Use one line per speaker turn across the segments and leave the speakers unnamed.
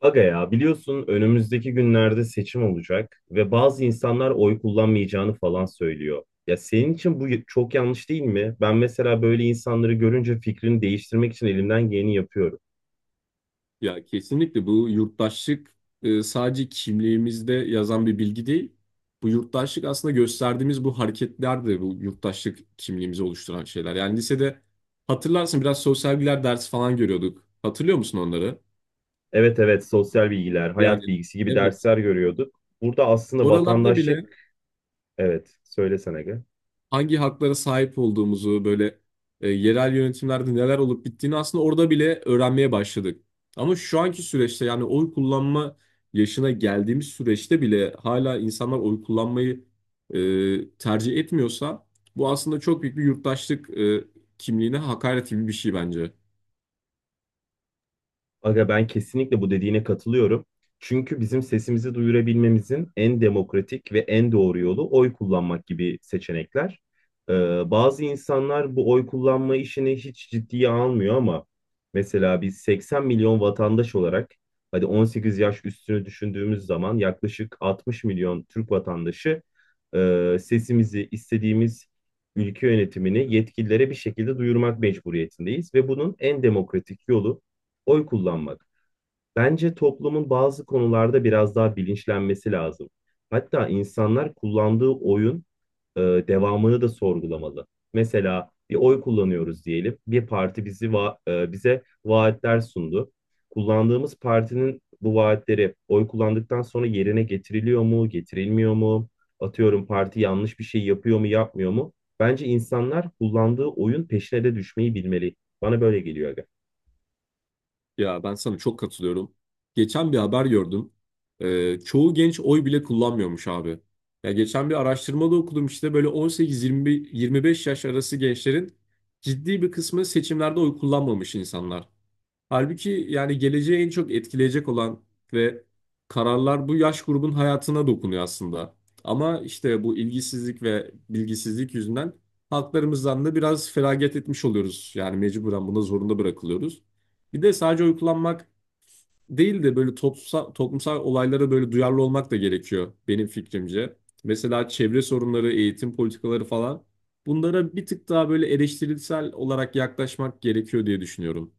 Aga ya biliyorsun önümüzdeki günlerde seçim olacak ve bazı insanlar oy kullanmayacağını falan söylüyor. Ya senin için bu çok yanlış değil mi? Ben mesela böyle insanları görünce fikrini değiştirmek için elimden geleni yapıyorum.
Ya kesinlikle bu yurttaşlık sadece kimliğimizde yazan bir bilgi değil. Bu yurttaşlık aslında gösterdiğimiz bu hareketler de bu yurttaşlık kimliğimizi oluşturan şeyler. Yani lisede hatırlarsın biraz sosyal bilgiler dersi falan görüyorduk. Hatırlıyor musun onları?
Evet evet sosyal bilgiler,
Yani
hayat bilgisi gibi
evet.
dersler görüyorduk. Burada aslında
Oralarda
vatandaşlık,
bile
evet söylesene Aga.
hangi haklara sahip olduğumuzu böyle yerel yönetimlerde neler olup bittiğini aslında orada bile öğrenmeye başladık. Ama şu anki süreçte yani oy kullanma yaşına geldiğimiz süreçte bile hala insanlar oy kullanmayı tercih etmiyorsa bu aslında çok büyük bir yurttaşlık kimliğine hakaret gibi bir şey bence.
Aga ben kesinlikle bu dediğine katılıyorum. Çünkü bizim sesimizi duyurabilmemizin en demokratik ve en doğru yolu oy kullanmak gibi seçenekler. Ee, bazı insanlar bu oy kullanma işini hiç ciddiye almıyor ama mesela biz 80 milyon vatandaş olarak hadi 18 yaş üstünü düşündüğümüz zaman yaklaşık 60 milyon Türk vatandaşı sesimizi istediğimiz ülke yönetimini yetkililere bir şekilde duyurmak mecburiyetindeyiz ve bunun en demokratik yolu oy kullanmak. Bence toplumun bazı konularda biraz daha bilinçlenmesi lazım. Hatta insanlar kullandığı oyun devamını da sorgulamalı. Mesela bir oy kullanıyoruz diyelim. Bir parti bize vaatler sundu. Kullandığımız partinin bu vaatleri oy kullandıktan sonra yerine getiriliyor mu, getirilmiyor mu? Atıyorum parti yanlış bir şey yapıyor mu, yapmıyor mu? Bence insanlar kullandığı oyun peşine de düşmeyi bilmeli. Bana böyle geliyor.
Ya ben sana çok katılıyorum. Geçen bir haber gördüm. Çoğu genç oy bile kullanmıyormuş abi. Ya geçen bir araştırmada okudum işte böyle 18-25 yaş arası gençlerin ciddi bir kısmı seçimlerde oy kullanmamış insanlar. Halbuki yani geleceği en çok etkileyecek olan ve kararlar bu yaş grubun hayatına dokunuyor aslında. Ama işte bu ilgisizlik ve bilgisizlik yüzünden haklarımızdan da biraz feragat etmiş oluyoruz. Yani mecburen buna zorunda bırakılıyoruz. Bir de sadece uykulanmak değil de böyle toplumsal olaylara böyle duyarlı olmak da gerekiyor benim fikrimce. Mesela çevre sorunları, eğitim politikaları falan bunlara bir tık daha böyle eleştirisel olarak yaklaşmak gerekiyor diye düşünüyorum.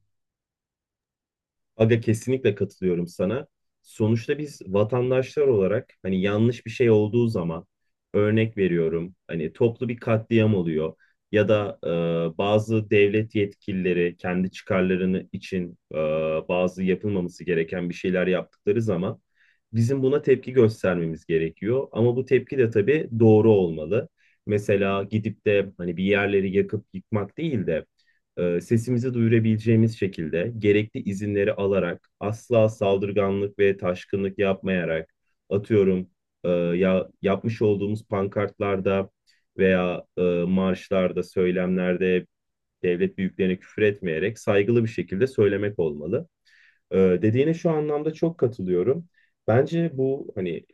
Aga kesinlikle katılıyorum sana. Sonuçta biz vatandaşlar olarak hani yanlış bir şey olduğu zaman örnek veriyorum hani toplu bir katliam oluyor ya da bazı devlet yetkilileri kendi çıkarlarını için bazı yapılmaması gereken bir şeyler yaptıkları zaman bizim buna tepki göstermemiz gerekiyor. Ama bu tepki de tabii doğru olmalı. Mesela gidip de hani bir yerleri yakıp yıkmak değil de sesimizi duyurabileceğimiz şekilde gerekli izinleri alarak asla saldırganlık ve taşkınlık yapmayarak atıyorum ya yapmış olduğumuz pankartlarda veya marşlarda, söylemlerde devlet büyüklerine küfür etmeyerek saygılı bir şekilde söylemek olmalı. Dediğine şu anlamda çok katılıyorum. Bence bu hani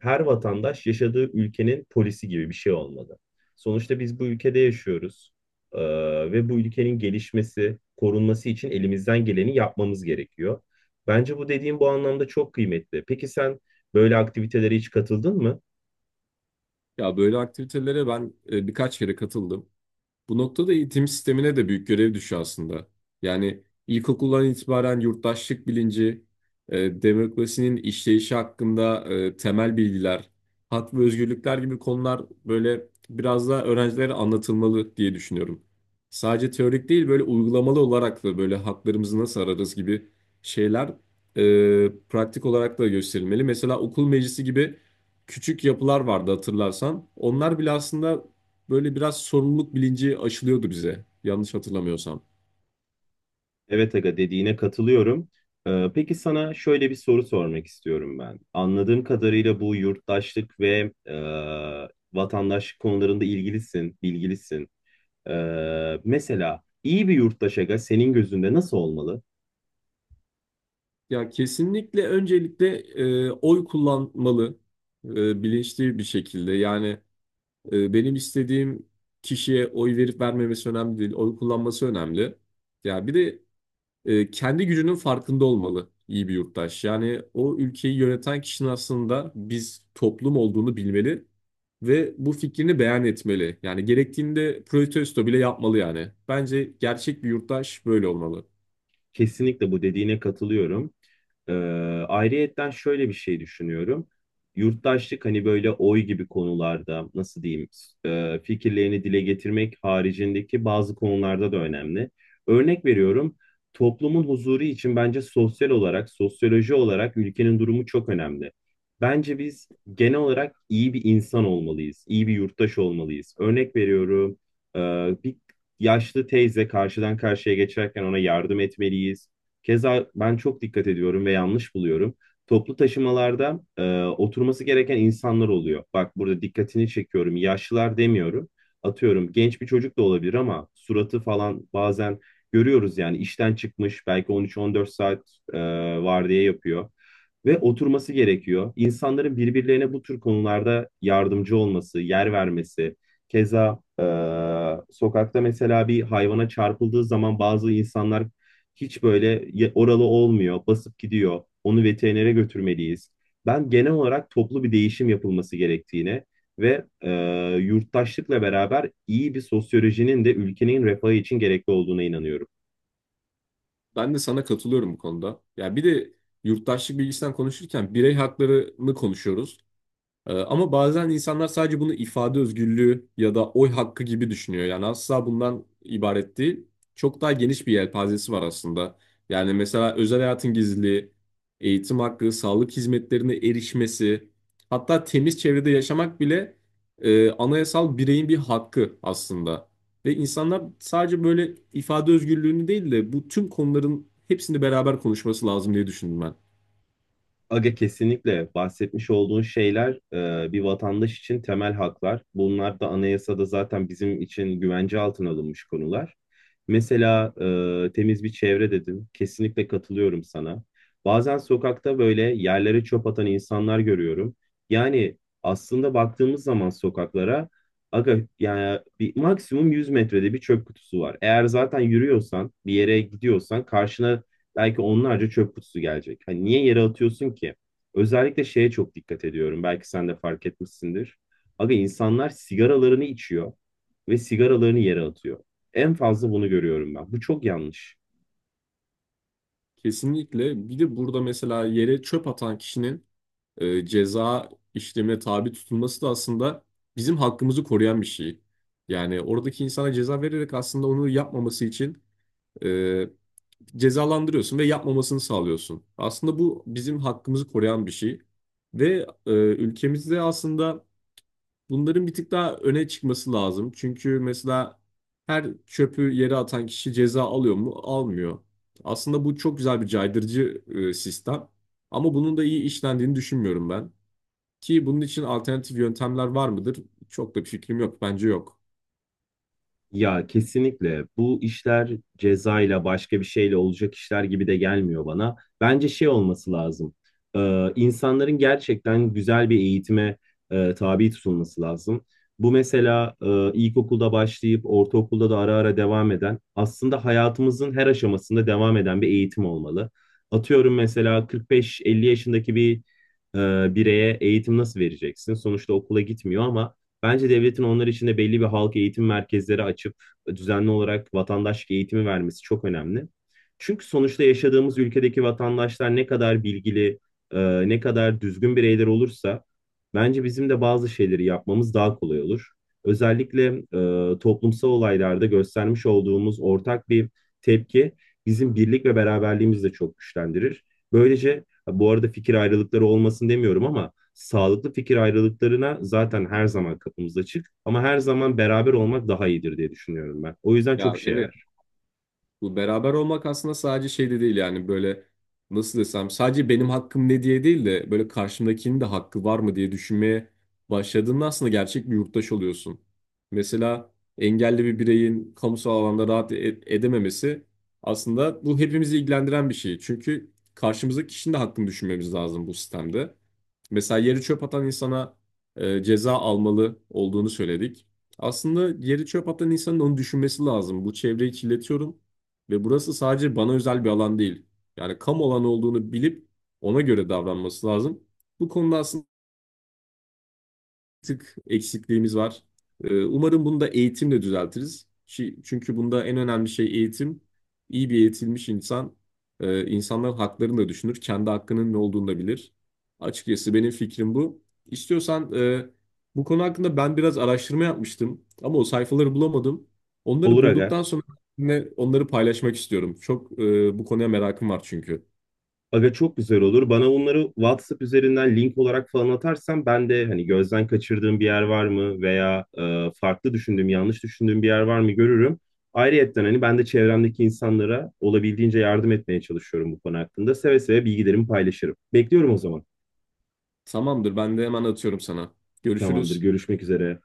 her vatandaş yaşadığı ülkenin polisi gibi bir şey olmalı. Sonuçta biz bu ülkede yaşıyoruz. Ee, ve bu ülkenin gelişmesi, korunması için elimizden geleni yapmamız gerekiyor. Bence bu dediğim bu anlamda çok kıymetli. Peki sen böyle aktivitelere hiç katıldın mı?
Ya böyle aktivitelere ben birkaç kere katıldım. Bu noktada eğitim sistemine de büyük görev düşüyor aslında. Yani ilkokuldan itibaren yurttaşlık bilinci, demokrasinin işleyişi hakkında temel bilgiler, hak ve özgürlükler gibi konular böyle biraz daha öğrencilere anlatılmalı diye düşünüyorum. Sadece teorik değil böyle uygulamalı olarak da böyle haklarımızı nasıl ararız gibi şeyler pratik olarak da gösterilmeli. Mesela okul meclisi gibi küçük yapılar vardı hatırlarsan. Onlar bile aslında böyle biraz sorumluluk bilinci aşılıyordu bize. Yanlış hatırlamıyorsam.
Evet Aga dediğine katılıyorum. Peki sana şöyle bir soru sormak istiyorum ben. Anladığım kadarıyla bu yurttaşlık ve vatandaşlık konularında ilgilisin, bilgilisin. Mesela iyi bir yurttaş Aga senin gözünde nasıl olmalı?
Ya kesinlikle öncelikle oy kullanmalı bilinçli bir şekilde. Yani benim istediğim kişiye oy verip vermemesi önemli değil. Oy kullanması önemli. Ya bir de kendi gücünün farkında olmalı iyi bir yurttaş. Yani o ülkeyi yöneten kişinin aslında biz toplum olduğunu bilmeli ve bu fikrini beyan etmeli. Yani gerektiğinde protesto bile yapmalı yani. Bence gerçek bir yurttaş böyle olmalı.
Kesinlikle bu dediğine katılıyorum. Ee, ayrıyetten şöyle bir şey düşünüyorum. Yurttaşlık hani böyle oy gibi konularda nasıl diyeyim fikirlerini dile getirmek haricindeki bazı konularda da önemli. Örnek veriyorum toplumun huzuru için bence sosyal olarak, sosyoloji olarak ülkenin durumu çok önemli. Bence biz genel olarak iyi bir insan olmalıyız, iyi bir yurttaş olmalıyız. Örnek veriyorum e, bir yaşlı teyze karşıdan karşıya geçerken ona yardım etmeliyiz. Keza ben çok dikkat ediyorum ve yanlış buluyorum. Toplu taşımalarda oturması gereken insanlar oluyor. Bak burada dikkatini çekiyorum. Yaşlılar demiyorum. Atıyorum genç bir çocuk da olabilir ama suratı falan bazen görüyoruz yani işten çıkmış belki 13-14 saat e, vardiya yapıyor ve oturması gerekiyor. İnsanların birbirlerine bu tür konularda yardımcı olması, yer vermesi, keza sokakta mesela bir hayvana çarpıldığı zaman bazı insanlar hiç oralı olmuyor, basıp gidiyor. Onu veterinere götürmeliyiz. Ben genel olarak toplu bir değişim yapılması gerektiğine ve yurttaşlıkla beraber iyi bir sosyolojinin de ülkenin refahı için gerekli olduğuna inanıyorum.
Ben de sana katılıyorum bu konuda. Ya bir de yurttaşlık bilgisinden konuşurken birey haklarını konuşuyoruz. Ama bazen insanlar sadece bunu ifade özgürlüğü ya da oy hakkı gibi düşünüyor. Yani asla bundan ibaret değil. Çok daha geniş bir yelpazesi var aslında. Yani mesela özel hayatın gizliliği, eğitim hakkı, sağlık hizmetlerine erişmesi, hatta temiz çevrede yaşamak bile anayasal bireyin bir hakkı aslında. Ve insanlar sadece böyle ifade özgürlüğünü değil de bu tüm konuların hepsini beraber konuşması lazım diye düşündüm ben.
Aga kesinlikle bahsetmiş olduğun şeyler bir vatandaş için temel haklar. Bunlar da anayasada zaten bizim için güvence altına alınmış konular. Mesela temiz bir çevre dedin. Kesinlikle katılıyorum sana. Bazen sokakta böyle yerlere çöp atan insanlar görüyorum. Yani aslında baktığımız zaman sokaklara aga yani bir maksimum 100 metrede bir çöp kutusu var. Eğer zaten yürüyorsan, bir yere gidiyorsan karşına belki onlarca çöp kutusu gelecek. Hani niye yere atıyorsun ki? Özellikle şeye çok dikkat ediyorum. Belki sen de fark etmişsindir. Aga insanlar sigaralarını içiyor ve sigaralarını yere atıyor. En fazla bunu görüyorum ben. Bu çok yanlış.
Kesinlikle. Bir de burada mesela yere çöp atan kişinin ceza işlemine tabi tutulması da aslında bizim hakkımızı koruyan bir şey. Yani oradaki insana ceza vererek aslında onu yapmaması için e, cezalandırıyorsun ve yapmamasını sağlıyorsun. Aslında bu bizim hakkımızı koruyan bir şey. Ve ülkemizde aslında bunların bir tık daha öne çıkması lazım. Çünkü mesela her çöpü yere atan kişi ceza alıyor mu? Almıyor. Aslında bu çok güzel bir caydırıcı sistem. Ama bunun da iyi işlendiğini düşünmüyorum ben. Ki bunun için alternatif yöntemler var mıdır? Çok da bir fikrim yok. Bence yok.
Ya kesinlikle bu işler cezayla başka bir şeyle olacak işler gibi de gelmiyor bana. Bence şey olması lazım. İnsanların gerçekten güzel bir eğitime tabi tutulması lazım. Bu mesela ilkokulda başlayıp ortaokulda da ara ara devam eden aslında hayatımızın her aşamasında devam eden bir eğitim olmalı. Atıyorum mesela 45-50 yaşındaki bir bireye eğitim nasıl vereceksin? Sonuçta okula gitmiyor ama bence devletin onlar için de belli bir halk eğitim merkezleri açıp düzenli olarak vatandaşlık eğitimi vermesi çok önemli. Çünkü sonuçta yaşadığımız ülkedeki vatandaşlar ne kadar bilgili, ne kadar düzgün bireyler olursa bence bizim de bazı şeyleri yapmamız daha kolay olur. Özellikle toplumsal olaylarda göstermiş olduğumuz ortak bir tepki bizim birlik ve beraberliğimizi de çok güçlendirir. Böylece bu arada fikir ayrılıkları olmasın demiyorum ama sağlıklı fikir ayrılıklarına zaten her zaman kapımız açık ama her zaman beraber olmak daha iyidir diye düşünüyorum ben. O yüzden
Ya
çok işe
evet,
yarar.
bu beraber olmak aslında sadece şey de değil yani böyle nasıl desem sadece benim hakkım ne diye değil de böyle karşımdakinin de hakkı var mı diye düşünmeye başladığında aslında gerçek bir yurttaş oluyorsun. Mesela engelli bir bireyin kamusal alanda rahat edememesi aslında bu hepimizi ilgilendiren bir şey. Çünkü karşımızdaki kişinin de hakkını düşünmemiz lazım bu sistemde. Mesela yeri çöp atan insana ceza almalı olduğunu söyledik. Aslında yeri çöp atan insanın onu düşünmesi lazım. Bu çevreyi kirletiyorum ve burası sadece bana özel bir alan değil. Yani kamu alanı olduğunu bilip ona göre davranması lazım. Bu konuda aslında tık eksikliğimiz var. Umarım bunu da eğitimle düzeltiriz. Çünkü bunda en önemli şey eğitim. İyi bir eğitilmiş insan, insanların haklarını da düşünür, kendi hakkının ne olduğunu da bilir. Açıkçası benim fikrim bu. İstiyorsan bu konu hakkında ben biraz araştırma yapmıştım ama o sayfaları bulamadım. Onları
Olur aga.
bulduktan sonra yine onları paylaşmak istiyorum. Çok bu konuya merakım var çünkü.
Aga çok güzel olur. Bana bunları WhatsApp üzerinden link olarak falan atarsan ben de hani gözden kaçırdığım bir yer var mı veya farklı düşündüğüm, yanlış düşündüğüm bir yer var mı görürüm. Ayrıyetten hani ben de çevremdeki insanlara olabildiğince yardım etmeye çalışıyorum bu konu hakkında. Seve seve bilgilerimi paylaşırım. Bekliyorum o zaman.
Tamamdır, ben de hemen atıyorum sana.
Tamamdır.
Görüşürüz.
Görüşmek üzere.